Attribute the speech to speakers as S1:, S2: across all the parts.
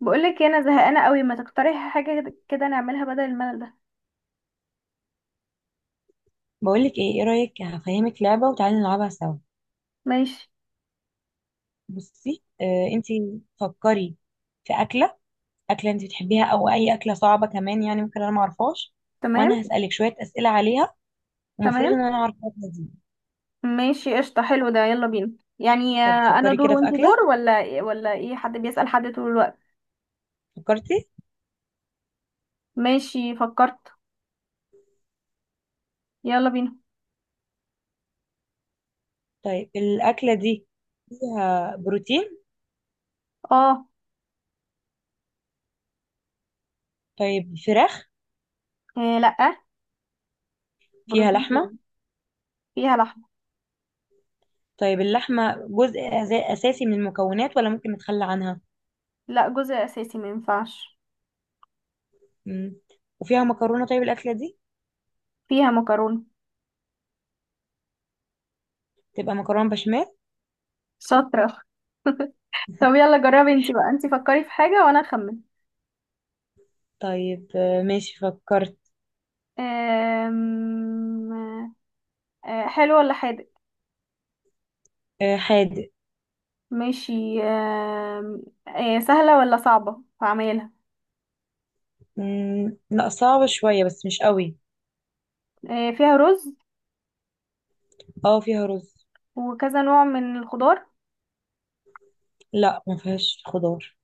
S1: بقولك إيه، انا زهقانه قوي، ما تقترحي حاجه كده نعملها بدل الملل ده؟
S2: بقولك ايه، ايه رأيك؟ هفهمك لعبة وتعالي نلعبها سوا.
S1: ماشي.
S2: بصي، انتي فكري في أكلة. أكلة انتي بتحبيها، أو أي أكلة صعبة كمان، يعني ممكن أنا معرفهاش،
S1: تمام.
S2: وأنا هسألك شوية أسئلة عليها، ومفروض
S1: تمام.
S2: إن أنا أعرف الأكلة دي.
S1: ماشي قشطه، حلو ده، يلا بينا. يعني
S2: طب
S1: انا
S2: فكري
S1: دور
S2: كده في
S1: وانتي
S2: أكلة.
S1: دور ولا ايه حد بيسأل حد طول الوقت؟
S2: فكرتي؟
S1: ماشي فكرت. يلا بينا.
S2: طيب، الأكلة دي فيها بروتين؟
S1: اه.
S2: طيب، فراخ؟
S1: إيه لا،
S2: فيها
S1: بروتين
S2: لحمة؟
S1: تاني. فيها لحمه.
S2: طيب، اللحمة جزء أساسي من المكونات ولا ممكن نتخلى عنها؟
S1: لا جزء اساسي، ما ينفعش.
S2: مم. وفيها مكرونة؟ طيب، الأكلة دي
S1: فيها مكرونه.
S2: تبقى مكرونة بشاميل.
S1: شاطره. طب يلا جربي انتي بقى، انتي فكري في حاجه وانا اخمن.
S2: طيب، ماشي، فكرت.
S1: آم، حلو ولا حادق؟
S2: حادق.
S1: ماشي. سهلة ولا صعبة هعملها؟
S2: لا، صعبة شوية بس مش قوي.
S1: فيها رز
S2: اه، فيها رز.
S1: وكذا نوع من الخضار؟
S2: لا، ما فيهاش خضار.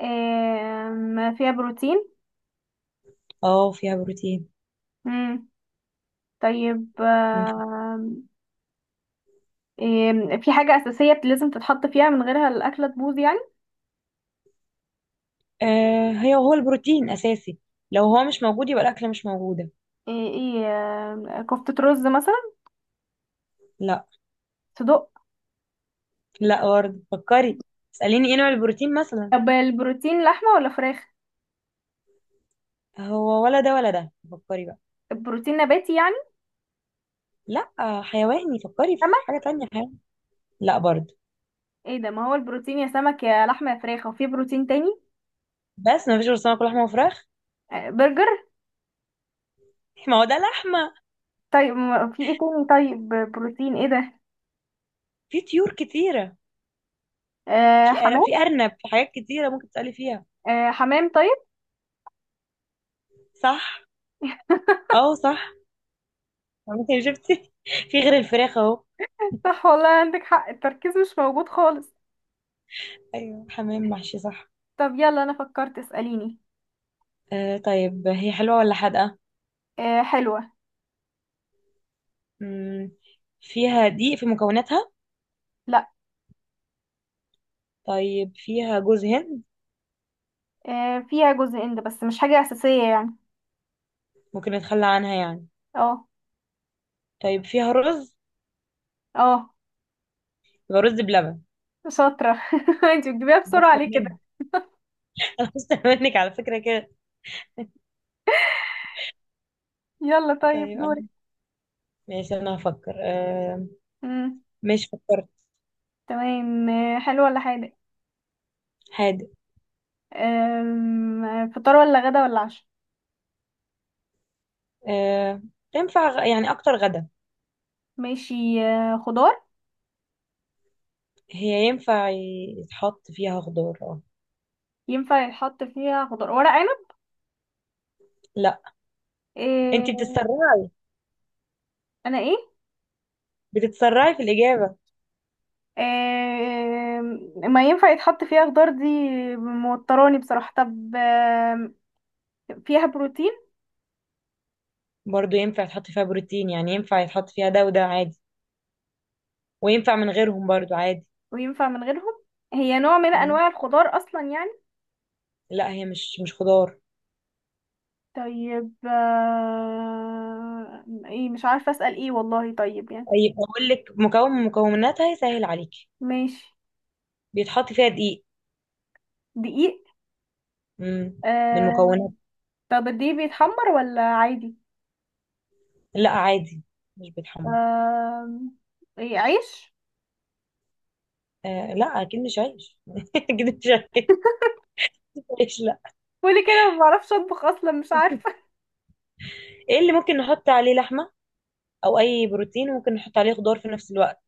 S1: فيها بروتين؟
S2: اه، فيها بروتين.
S1: مم. طيب.
S2: مم.
S1: في حاجة أساسية لازم تتحط فيها من غيرها الأكلة تبوظ يعني؟
S2: هي، هو البروتين أساسي، لو هو مش موجود يبقى الأكلة مش موجودة.
S1: ايه كفتة رز مثلا؟
S2: لا.
S1: صدق؟
S2: لا، برضه فكري، اسأليني ايه نوع البروتين مثلا.
S1: طب البروتين لحمة ولا فراخ؟
S2: هو ولا ده ولا ده؟ فكري بقى.
S1: البروتين نباتي يعني؟
S2: لا، حيواني، فكري في حاجة
S1: سمك؟
S2: تانية حيواني. لا برضه.
S1: ايه ده، ما هو البروتين يا سمك يا لحمة يا فراخ، وفي بروتين تاني؟
S2: بس ما فيش غير سمك ولحمة وفراخ.
S1: برجر؟
S2: ما هو ده لحمة.
S1: طيب في ايه تاني؟ طيب بروتين ايه ده؟
S2: في طيور كتيرة.
S1: آه حمام.
S2: في أرنب، في حاجات كتيرة ممكن تسألي فيها.
S1: آه حمام طيب.
S2: صح. اه، صح. ممكن شفتي في غير الفراخ اهو.
S1: صح والله عندك حق، التركيز مش موجود خالص.
S2: ايوه، حمام محشي، صح.
S1: طب يلا انا فكرت، اسأليني.
S2: طيب، هي حلوة ولا حادقة؟
S1: آه حلوة.
S2: مم. فيها دقيق في مكوناتها؟
S1: لا.
S2: طيب، فيها جوز هند؟
S1: آه فيها جزء اند بس مش حاجة أساسية يعني.
S2: ممكن نتخلى عنها يعني؟
S1: اه.
S2: طيب، فيها رز؟
S1: اه.
S2: يبقى رز بلبن.
S1: شاطرة. انتي بتجيبيها بسرعة
S2: اكتر
S1: ليه
S2: مني.
S1: كده؟
S2: انا أكتر منك على فكرة كده.
S1: يلا طيب
S2: طيب،
S1: دوري.
S2: ماشي انا هفكر
S1: مم.
S2: مش، فكرت.
S1: تمام. آه حلو ولا حادق؟
S2: هادئ.
S1: فطار ولا غدا ولا عشاء؟
S2: آه. تنفع يعني اكتر غدا.
S1: ماشي. آه خضار؟
S2: هي ينفع يتحط فيها خضار، اه.
S1: ينفع يتحط فيها خضار ورق عنب؟
S2: لا. انت
S1: آه.
S2: بتتسرعي،
S1: انا ايه؟
S2: بتتسرعي في الإجابة.
S1: ما ينفع يتحط فيها خضار دي، موتراني بصراحة. طب فيها بروتين؟
S2: برضو ينفع يتحط فيها بروتين، يعني ينفع يتحط فيها ده وده عادي، وينفع من غيرهم برضو عادي.
S1: وينفع من غيرهم؟ هي نوع من
S2: مم.
S1: انواع الخضار اصلا يعني؟
S2: لا، هي مش خضار.
S1: طيب ايه مش عارفة اسأل ايه والله، طيب يعني.
S2: طيب، اقول لك مكون من مكوناتها يسهل عليكي.
S1: ماشي.
S2: بيتحط فيها دقيق.
S1: دقيق.
S2: مم. من
S1: آم،
S2: مكونات.
S1: طب الدقيق بيتحمر ولا عادي؟
S2: لا، عادي، مش بيتحمر.
S1: آم، ايه، عيش؟
S2: آه، لا، اكيد مش عيش اكيد مش عيش. لا.
S1: قولي كده، ما بعرفش اطبخ اصلا، مش عارفة.
S2: ايه اللي ممكن نحط عليه لحمة، او اي بروتين، وممكن نحط عليه خضار في نفس الوقت،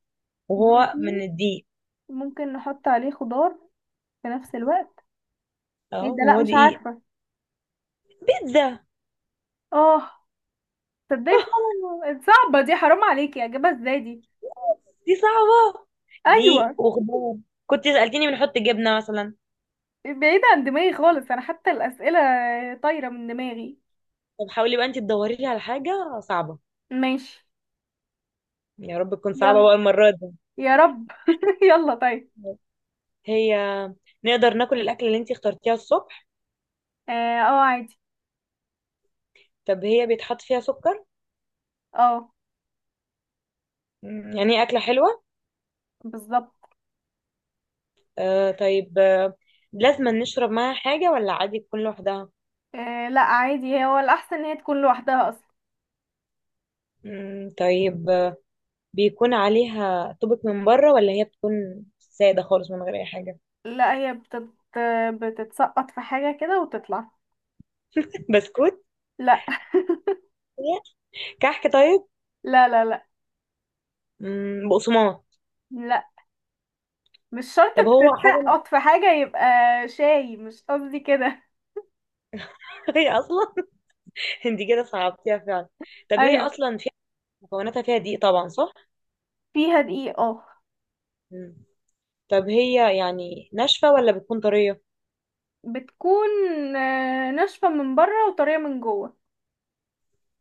S2: وهو من
S1: بروتين،
S2: الدقيق؟
S1: ممكن نحط عليه خضار في نفس الوقت. ايه
S2: اه،
S1: ده؟ لا
S2: هو
S1: مش
S2: دي ايه؟
S1: عارفة.
S2: بيتزا.
S1: اه. تصدقي
S2: آه،
S1: فعلا صعبة دي، حرام عليكي اجيبها ازاي دي.
S2: دي صعبة، دي
S1: ايوه.
S2: وخضار. كنت سألتني بنحط جبنة مثلا.
S1: بعيدة عن دماغي خالص انا، حتى الاسئلة طايرة من دماغي.
S2: طب حاولي بقى انت تدوري لي على حاجة صعبة.
S1: ماشي.
S2: يا رب تكون صعبة
S1: يلا.
S2: بقى المرة دي.
S1: يا رب. يلا طيب.
S2: هي، نقدر ناكل الأكلة اللي انت اخترتيها الصبح؟
S1: اه عادي.
S2: طب هي بيتحط فيها سكر؟
S1: اه.
S2: يعني هي أكلة حلوة.
S1: بالظبط.
S2: طيب لازم نشرب معاها حاجة ولا عادي تكون لوحدها؟
S1: آه لا عادي، هو الاحسن ان هي تكون لوحدها اصلا.
S2: طيب، بيكون عليها طبق من بره، ولا هي بتكون سادة خالص من غير أي حاجة؟
S1: لا هي بتت... بتتسقط في حاجة كده وتطلع.
S2: بسكوت؟
S1: لا.
S2: كحك؟ طيب.
S1: لا لا لا.
S2: بقسماط؟
S1: لا، مش شرط
S2: طب، هو حاجة؟
S1: بتتسقط في حاجة يبقى. شاي، مش قصدي كده.
S2: هي أصلا. انت كده صعبتيها فعلا. طب هي
S1: ايوه.
S2: أصلا فيها مكوناتها فيها دقيق طبعا، صح؟
S1: فيها دقيقة اه.
S2: مم. طب هي يعني ناشفة ولا بتكون طرية؟
S1: بتكون ناشفة من بره وطرية من جوه.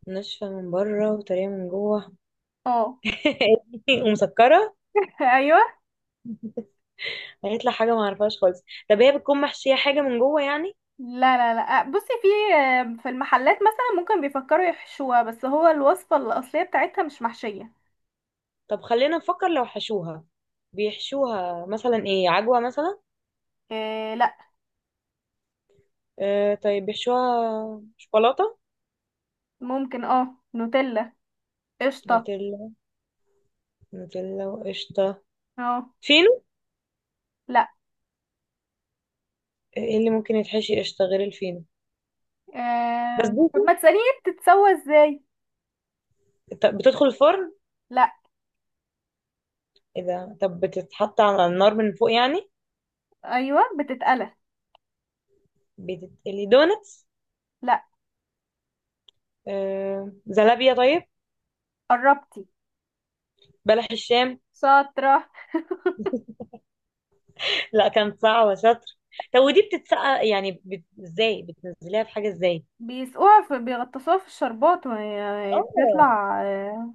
S2: ناشفة من بره وطرية من جوه.
S1: اه.
S2: ومسكرة.
S1: ايوه.
S2: هيطلع حاجة ما اعرفهاش خالص. طب هي بتكون محشية حاجة من جوه يعني؟
S1: لا لا لا، بصي في، في المحلات مثلا ممكن بيفكروا يحشوها، بس هو الوصفة الأصلية بتاعتها مش محشية.
S2: طب خلينا نفكر لو حشوها، بيحشوها مثلا ايه، عجوة مثلا؟
S1: إيه لا.
S2: آه، طيب، بيحشوها شوكولاتة؟
S1: ممكن اه نوتيلا. قشطة.
S2: نوتيلا، نوتيلا وقشطة.
S1: اه.
S2: في
S1: لا.
S2: ايه اللي ممكن يتحشي قشطة غير الفينو؟
S1: إيه، طب
S2: بسبوسة؟
S1: ما تسأليني بتتسوى ازاي.
S2: بتدخل الفرن؟
S1: لا.
S2: اذا طب بتتحط على النار من فوق يعني؟
S1: ايوه بتتقلى.
S2: بتتقلي، دونتس؟
S1: لا.
S2: زلابية؟ طيب.
S1: قربتي.
S2: بلح الشام.
S1: شاطرة.
S2: لا، كان صعبة شاطر. طب، ودي بتتسقى يعني ازاي بتنزليها في حاجة، ازاي؟
S1: بيسقوها في، بيغطسوها في الشربات، وهي
S2: اه،
S1: بتطلع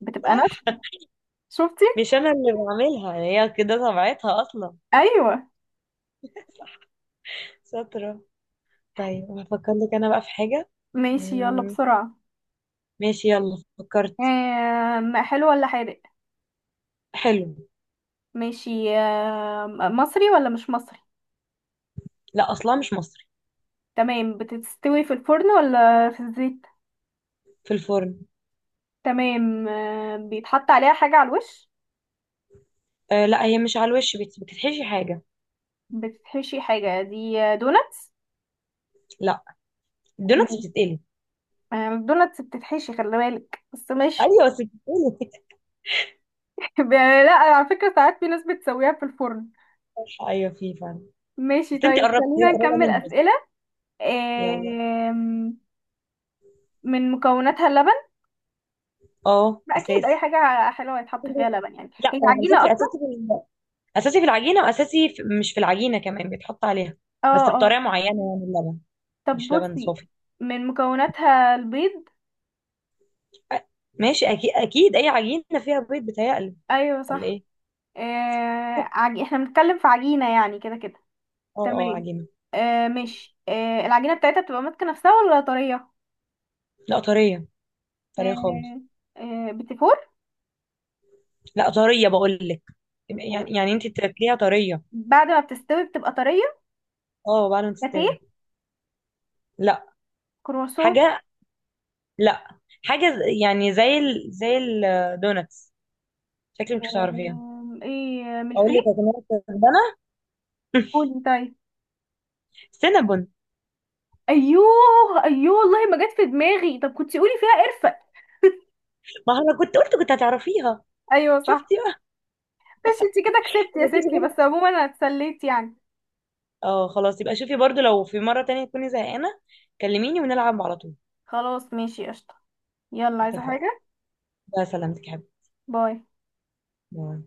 S1: بتبقى
S2: صح.
S1: ناشفة. شفتي.
S2: مش انا اللي بعملها، هي كده طبيعتها اصلا.
S1: ايوه.
S2: صح. شاطرة. طيب هفكر لك انا بقى في حاجة.
S1: ماشي يلا
S2: مم،
S1: بسرعة.
S2: ماشي، يلا، فكرت.
S1: حلو ولا حادق؟
S2: حلو.
S1: ماشي. مصري ولا مش مصري؟
S2: لا، اصلا مش مصري.
S1: تمام. بتستوي في الفرن ولا في الزيت؟
S2: في الفرن.
S1: تمام. بيتحط عليها حاجة على الوش؟
S2: آه، لا، هي مش على الوش بتتحشي حاجه.
S1: بتتحشي حاجة؟ دي دوناتس، دوناتس.
S2: لا. الدوناتس
S1: مم.
S2: بتتقلي.
S1: آه، الدوناتس بتتحشي، خلي بالك، بس ماشي.
S2: ايوه بس بتتقلي.
S1: لا على فكرة، ساعات في ناس بتسويها في الفرن.
S2: بتتحشي، ايوه، في فعلا.
S1: ماشي
S2: بس انت
S1: طيب،
S2: قربت، هي
S1: خلينا
S2: قريبه
S1: نكمل
S2: منها.
S1: أسئلة.
S2: يلا.
S1: آم، من مكوناتها اللبن؟
S2: اه،
S1: أكيد أي
S2: اساسي.
S1: حاجة حلوة يتحط فيها لبن، يعني
S2: لا.
S1: هي عجينة
S2: اساسي اساسي
S1: أصلا.
S2: اساسي في العجينه، واساسي في، مش في العجينه كمان بيتحط عليها،
S1: اه.
S2: بس
S1: اه.
S2: بطريقه معينه، يعني اللبن،
S1: طب
S2: مش لبن
S1: بصي،
S2: صافي.
S1: من مكوناتها البيض؟
S2: أ- ماشي، اكيد اكيد اي عجينه فيها بيض بتهيألي،
S1: ايوه
S2: ولا
S1: صح.
S2: ايه؟
S1: احنا بنتكلم في عجينة يعني كده كده.
S2: اه، اه،
S1: تمام.
S2: عجينه.
S1: آه مش آه العجينة بتاعتها بتبقى ماسكة نفسها ولا طرية؟
S2: لا، طريه، طريه خالص.
S1: آه. آه بتفور؟
S2: لا طريه بقول لك، يعني، يعني انت تاكليها طريه.
S1: بعد ما بتستوي بتبقى طرية.
S2: اه، بعد ما
S1: لاتيه؟
S2: تستوي. لا.
S1: كرواسون؟
S2: حاجة. لا. حاجة يعني زي الدوناتس، شكلي مش هتعرفيها.
S1: آه ايه،
S2: اقول
S1: ملفيه؟
S2: لك يا جماعة، كسبانة.
S1: قولي طيب.
S2: سينابون.
S1: ايوه. ايوه والله ما جت في دماغي، طب كنتي قولي فيها قرفة.
S2: ما انا كنت قلت كنت هتعرفيها.
S1: ايوه صح.
S2: شفتي بقى.
S1: مش انتي كده كسبتي يا
S2: مفيش
S1: ستي، بس
S2: غيرها.
S1: عموما انا اتسليت يعني.
S2: اه، خلاص يبقى شوفي برضو، لو في مرة تانية تكوني زهقانة كلميني ونلعب على طول.
S1: خلاص ماشي قشطة. يلا عايزة
S2: اتفقنا.
S1: حاجة.
S2: بقى سلامتك يا حبيبي.
S1: باي.
S2: باي.